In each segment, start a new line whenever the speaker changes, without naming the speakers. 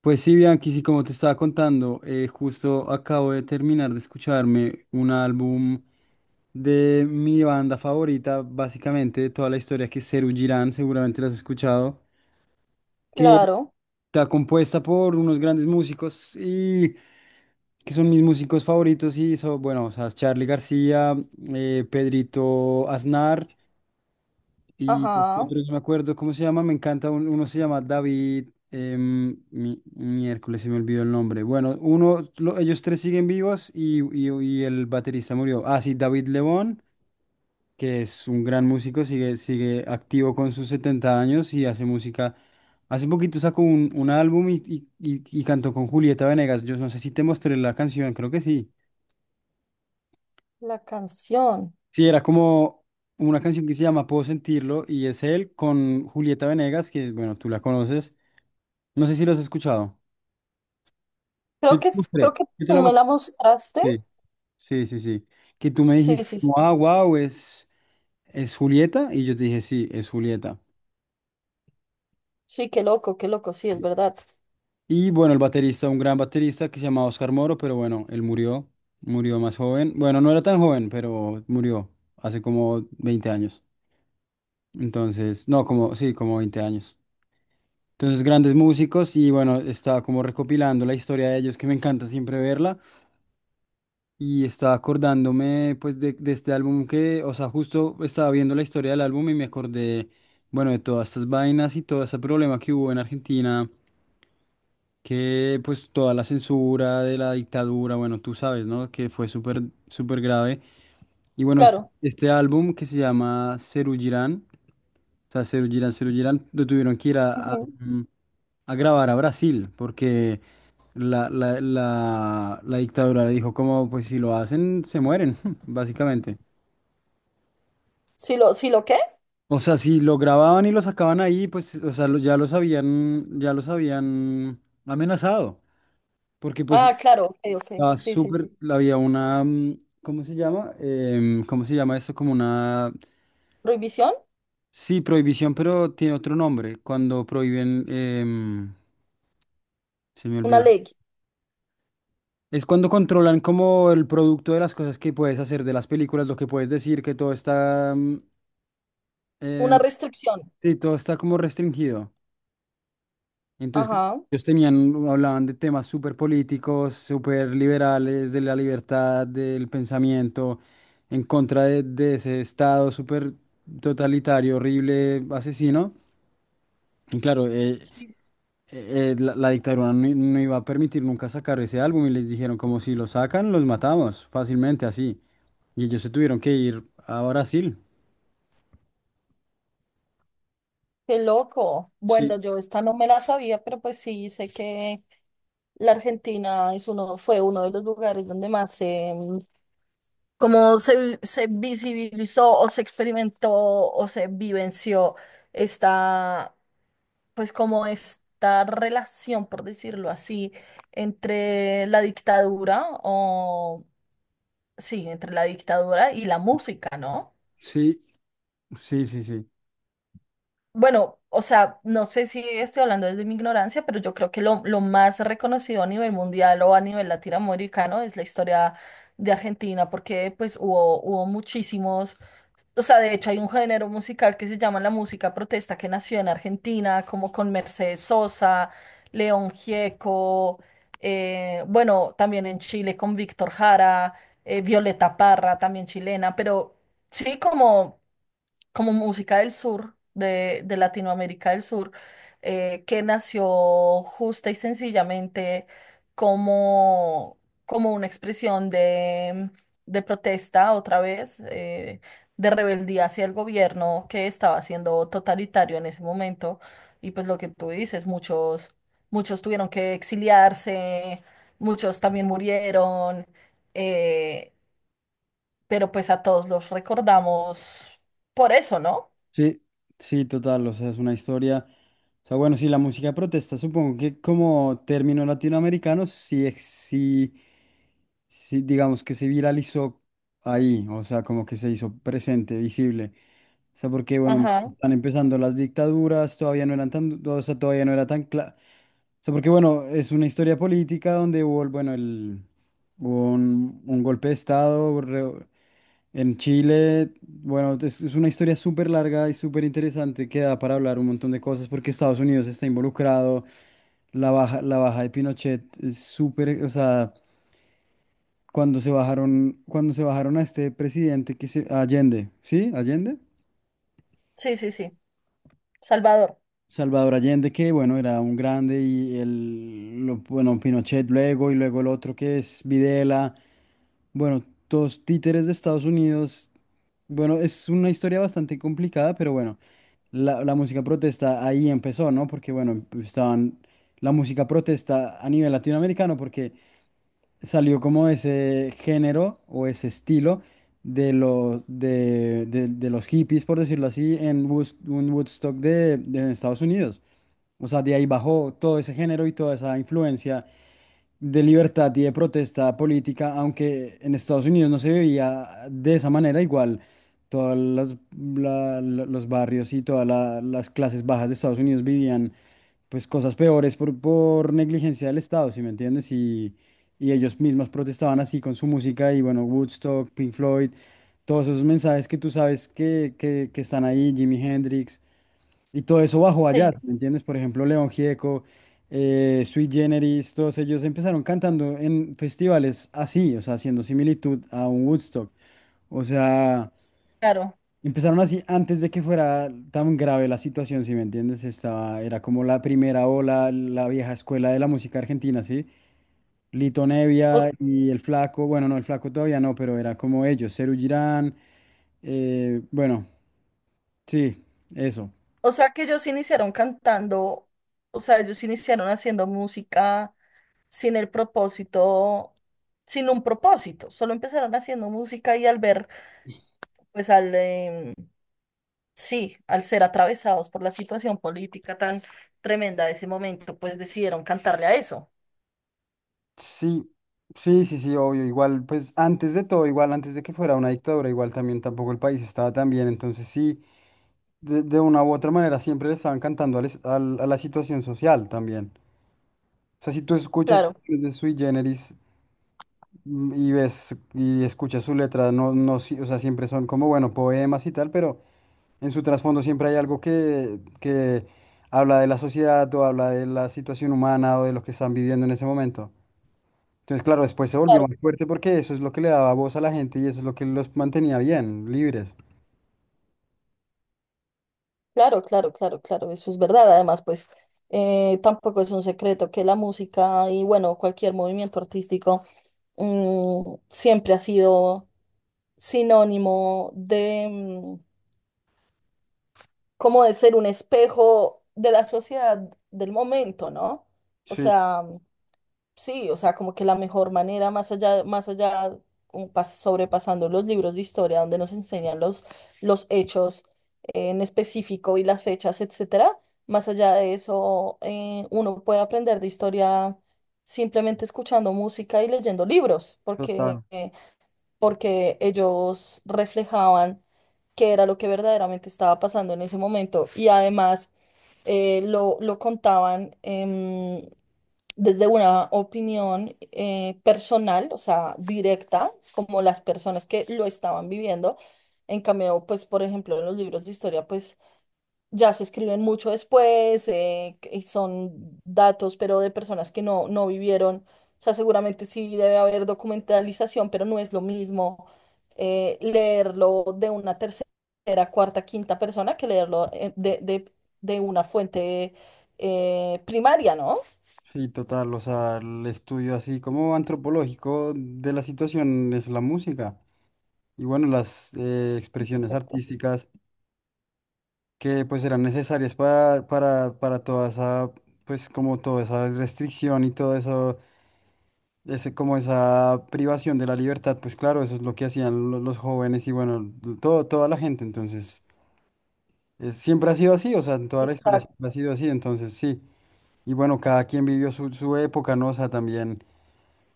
Pues sí, Bianchi, sí, como te estaba contando, justo acabo de terminar de escucharme un álbum de mi banda favorita, básicamente de toda la historia, que es Serú Girán, seguramente la has escuchado, que
Claro,
está compuesta por unos grandes músicos y que son mis músicos favoritos y son, bueno, o sea, Charly García, Pedrito Aznar y
ajá,
otro no me acuerdo cómo se llama, me encanta, uno se llama David, miércoles se me olvidó el nombre. Bueno, uno, ellos tres siguen vivos y y el baterista murió. Ah, sí, David Lebón, que es un gran músico, sigue activo con sus 70 años y hace música. Hace poquito sacó un álbum y y cantó con Julieta Venegas. Yo no sé si te mostré la canción, creo que sí.
la canción.
Sí, era como una canción que se llama Puedo sentirlo y es él con Julieta Venegas, que bueno, tú la conoces. No sé si lo has escuchado. Yo
Creo
te
que,
mostré.
creo que
Yo te
tú
la
me
mostré.
la mostraste.
Sí, sí, sí. Sí. Que tú me
Sí,
dijiste,
sí, sí.
como, ah, wow, es Julieta. Y yo te dije, sí, es Julieta.
Sí, qué loco, sí, es verdad.
Y bueno, el baterista, un gran baterista que se llamaba Oscar Moro, pero bueno, él murió. Murió más joven. Bueno, no era tan joven, pero murió hace como 20 años. Entonces, no, como, sí, como 20 años. Entonces, grandes músicos y bueno, estaba como recopilando la historia de ellos, que me encanta siempre verla. Y estaba acordándome pues de este álbum que, o sea, justo estaba viendo la historia del álbum y me acordé, bueno, de todas estas vainas y todo ese problema que hubo en Argentina, que pues toda la censura de la dictadura, bueno, tú sabes, ¿no? Que fue súper, súper grave. Y bueno,
Claro.
este álbum que se llama Serú Girán, o sea, Serú Girán, Serú Girán, lo tuvieron que ir
Ujú.
a grabar a Brasil, porque la dictadura le dijo como, pues si lo hacen, se mueren, básicamente.
Sí lo qué?
O sea, si lo grababan y lo sacaban ahí, pues, o sea, ya los habían amenazado. Porque pues
Ah, claro, ok, ok.
estaba
Sí, sí, sí.
súper, había una. ¿Cómo se llama? ¿Cómo se llama esto? Como una,
Prohibición,
sí, prohibición, pero tiene otro nombre. Cuando prohíben, se me
una
olvidó.
ley,
Es cuando controlan como el producto de las cosas que puedes hacer, de las películas, lo que puedes decir, que todo está... Em,
una restricción.
Sí, todo está como restringido. Entonces, como
Ajá.
ellos tenían, hablaban de temas súper políticos, súper liberales, de la libertad, del pensamiento, en contra de ese Estado súper totalitario, horrible, asesino. Y claro,
Sí,
la dictadura no, no iba a permitir nunca sacar ese álbum y les dijeron, como si lo sacan, los matamos fácilmente así. Y ellos se tuvieron que ir a Brasil.
qué loco.
Sí,
Bueno, yo esta no me la sabía, pero pues sí, sé que la Argentina es uno, fue uno de los lugares donde más se cómo se, se visibilizó o se experimentó o se vivenció esta, pues como esta relación, por decirlo así, entre la dictadura o, sí, entre la dictadura y la música, ¿no?
sí, sí, sí, sí.
Bueno, o sea, no sé si estoy hablando desde mi ignorancia, pero yo creo que lo más reconocido a nivel mundial o a nivel latinoamericano es la historia de Argentina, porque pues hubo, hubo muchísimos. O sea, de hecho hay un género musical que se llama la música protesta que nació en Argentina, como con Mercedes Sosa, León Gieco, bueno, también en Chile con Víctor Jara, Violeta Parra, también chilena, pero sí como como música del sur, de Latinoamérica del Sur, que nació justa y sencillamente como, como una expresión de protesta otra vez, de rebeldía hacia el gobierno que estaba siendo totalitario en ese momento. Y pues lo que tú dices, muchos, muchos tuvieron que exiliarse, muchos también murieron, eh, pero pues a todos los recordamos por eso, ¿no?
Sí, sí, total, o sea, es una historia. O sea, bueno, sí, la música de protesta, supongo que como término latinoamericano, sí, sí, sí, digamos que se viralizó ahí, o sea, como que se hizo presente, visible. O sea, porque, bueno,
Ajá,
están empezando las dictaduras, todavía no eran tan, o sea, todavía no era tan claro. O sea, porque, bueno, es una historia política donde hubo, bueno, el... Hubo un golpe de estado en Chile. Bueno, es una historia súper larga y súper interesante que da para hablar un montón de cosas porque Estados Unidos está involucrado. La baja de Pinochet es súper, o sea, cuando se bajaron a este presidente que se, a Allende, ¿sí? Allende.
sí, sí, sí. Salvador,
Salvador Allende, que bueno, era un grande y el, bueno, Pinochet luego y luego el otro que es Videla, bueno, todos títeres de Estados Unidos. Bueno, es una historia bastante complicada, pero bueno, la música protesta ahí empezó, ¿no? Porque bueno, estaban la música protesta a nivel latinoamericano porque salió como ese género o ese estilo de, de los hippies, por decirlo así, en un Woodstock de Estados Unidos. O sea, de ahí bajó todo ese género y toda esa influencia de libertad y de protesta política, aunque en Estados Unidos no se veía de esa manera, igual los barrios y las clases bajas de Estados Unidos vivían pues cosas peores por negligencia del Estado, ¿si me entiendes? Y ellos mismos protestaban así con su música y bueno, Woodstock, Pink Floyd, todos esos mensajes que tú sabes que están ahí, Jimi Hendrix. Y todo eso bajo allá,
sí,
¿me entiendes? Por ejemplo, León Gieco, Sui Generis, todos ellos empezaron cantando en festivales así, o sea, haciendo similitud a un Woodstock. O sea,
claro.
empezaron así antes de que fuera tan grave la situación, ¿si me entiendes? Estaba, era como la primera ola, la vieja escuela de la música argentina, ¿sí? Lito
O,
Nevia y El Flaco, bueno, no, El Flaco todavía no, pero era como ellos, Serú Girán, bueno, sí, eso.
o sea que ellos iniciaron cantando, o sea, ellos iniciaron haciendo música sin el propósito, sin un propósito. Solo empezaron haciendo música y al ver, pues sí, al ser atravesados por la situación política tan tremenda de ese momento, pues decidieron cantarle a eso.
Sí, sí, sí, sí, obvio, igual, pues antes de todo, igual, antes de que fuera una dictadura, igual también tampoco el país estaba tan bien, entonces sí, de una u otra manera siempre le estaban cantando al a la situación social también. O sea, si tú escuchas
Claro,
canciones de Sui Generis mm, y ves y escuchas su letra, no, no, o sea, siempre son como, bueno, poemas y tal, pero en su trasfondo siempre hay algo que habla de la sociedad o habla de la situación humana o de lo que están viviendo en ese momento. Entonces, claro, después se volvió
claro.
más fuerte porque eso es lo que le daba voz a la gente y eso es lo que los mantenía bien, libres.
Claro, claro, claro, claro, eso es verdad. Además, pues tampoco es un secreto que la música y bueno, cualquier movimiento artístico siempre ha sido sinónimo de, cómo es ser un espejo de la sociedad del momento, ¿no? O
Sí,
sea, sí, o sea, como que la mejor manera, más allá, sobrepasando los libros de historia, donde nos enseñan los hechos en específico y las fechas, etcétera, más allá de eso, uno puede aprender de historia simplemente escuchando música y leyendo libros, porque,
total.
porque ellos reflejaban qué era lo que verdaderamente estaba pasando en ese momento. Y además, lo contaban desde una opinión personal, o sea, directa, como las personas que lo estaban viviendo. En cambio, pues, por ejemplo, en los libros de historia, pues ya se escriben mucho después, y son datos, pero de personas que no vivieron. O sea, seguramente sí debe haber documentalización, pero no es lo mismo leerlo de una tercera, cuarta, quinta persona que leerlo de una fuente primaria, ¿no?
Sí, total. O sea, el estudio así como antropológico de la situación es la música. Y bueno, las expresiones
Exacto.
artísticas que pues eran necesarias para toda esa, pues como toda esa restricción y todo eso, ese, como esa privación de la libertad, pues claro, eso es lo que hacían los jóvenes y bueno, todo, toda la gente. Entonces... siempre ha sido así, o sea, en toda la historia
Exacto.
siempre ha sido así, entonces sí. Y bueno, cada quien vivió su, su época, ¿no? O sea, también,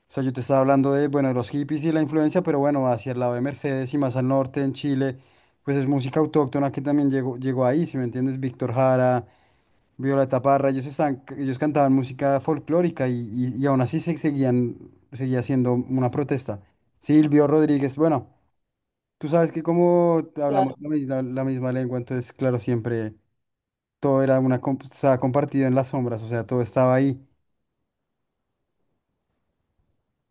o sea, yo te estaba hablando de, bueno, de los hippies y la influencia, pero bueno, hacia el lado de Mercedes y más al norte, en Chile, pues es música autóctona que también llegó, llegó ahí, si me entiendes, Víctor Jara, Violeta Parra, ellos, están, ellos cantaban música folclórica y aún así seguía siendo una protesta. Silvio Rodríguez, bueno, tú sabes que como hablamos la la misma lengua, entonces, claro, siempre todo era una, estaba compartido en las sombras, o sea, todo estaba ahí.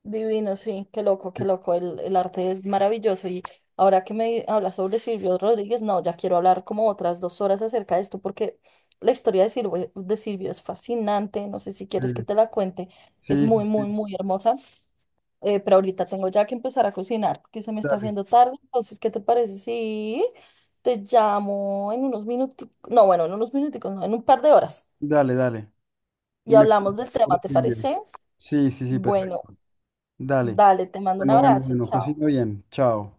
Divino, sí, qué loco, el arte es maravilloso y ahora que me hablas sobre Silvio Rodríguez, no, ya quiero hablar como otras 2 horas acerca de esto porque la historia de Silvio es fascinante, no sé si
Eh,
quieres que te la cuente, es
Sí,
muy,
sí, sí,
muy, muy hermosa, pero ahorita tengo ya que empezar a cocinar porque se me está
dale,
haciendo tarde, entonces, ¿qué te parece si te llamo en unos minutos, no, bueno, en unos minuticos, no, en un par de horas
dale, dale. Y
y
me
hablamos
cuentas
del
por
tema, ¿te
aquí el
parece?
sí, sí, sí,
Bueno,
perfecto. Dale.
dale, te mando un
Bueno, bueno,
abrazo,
bueno,
chao.
cocina bien. Chao.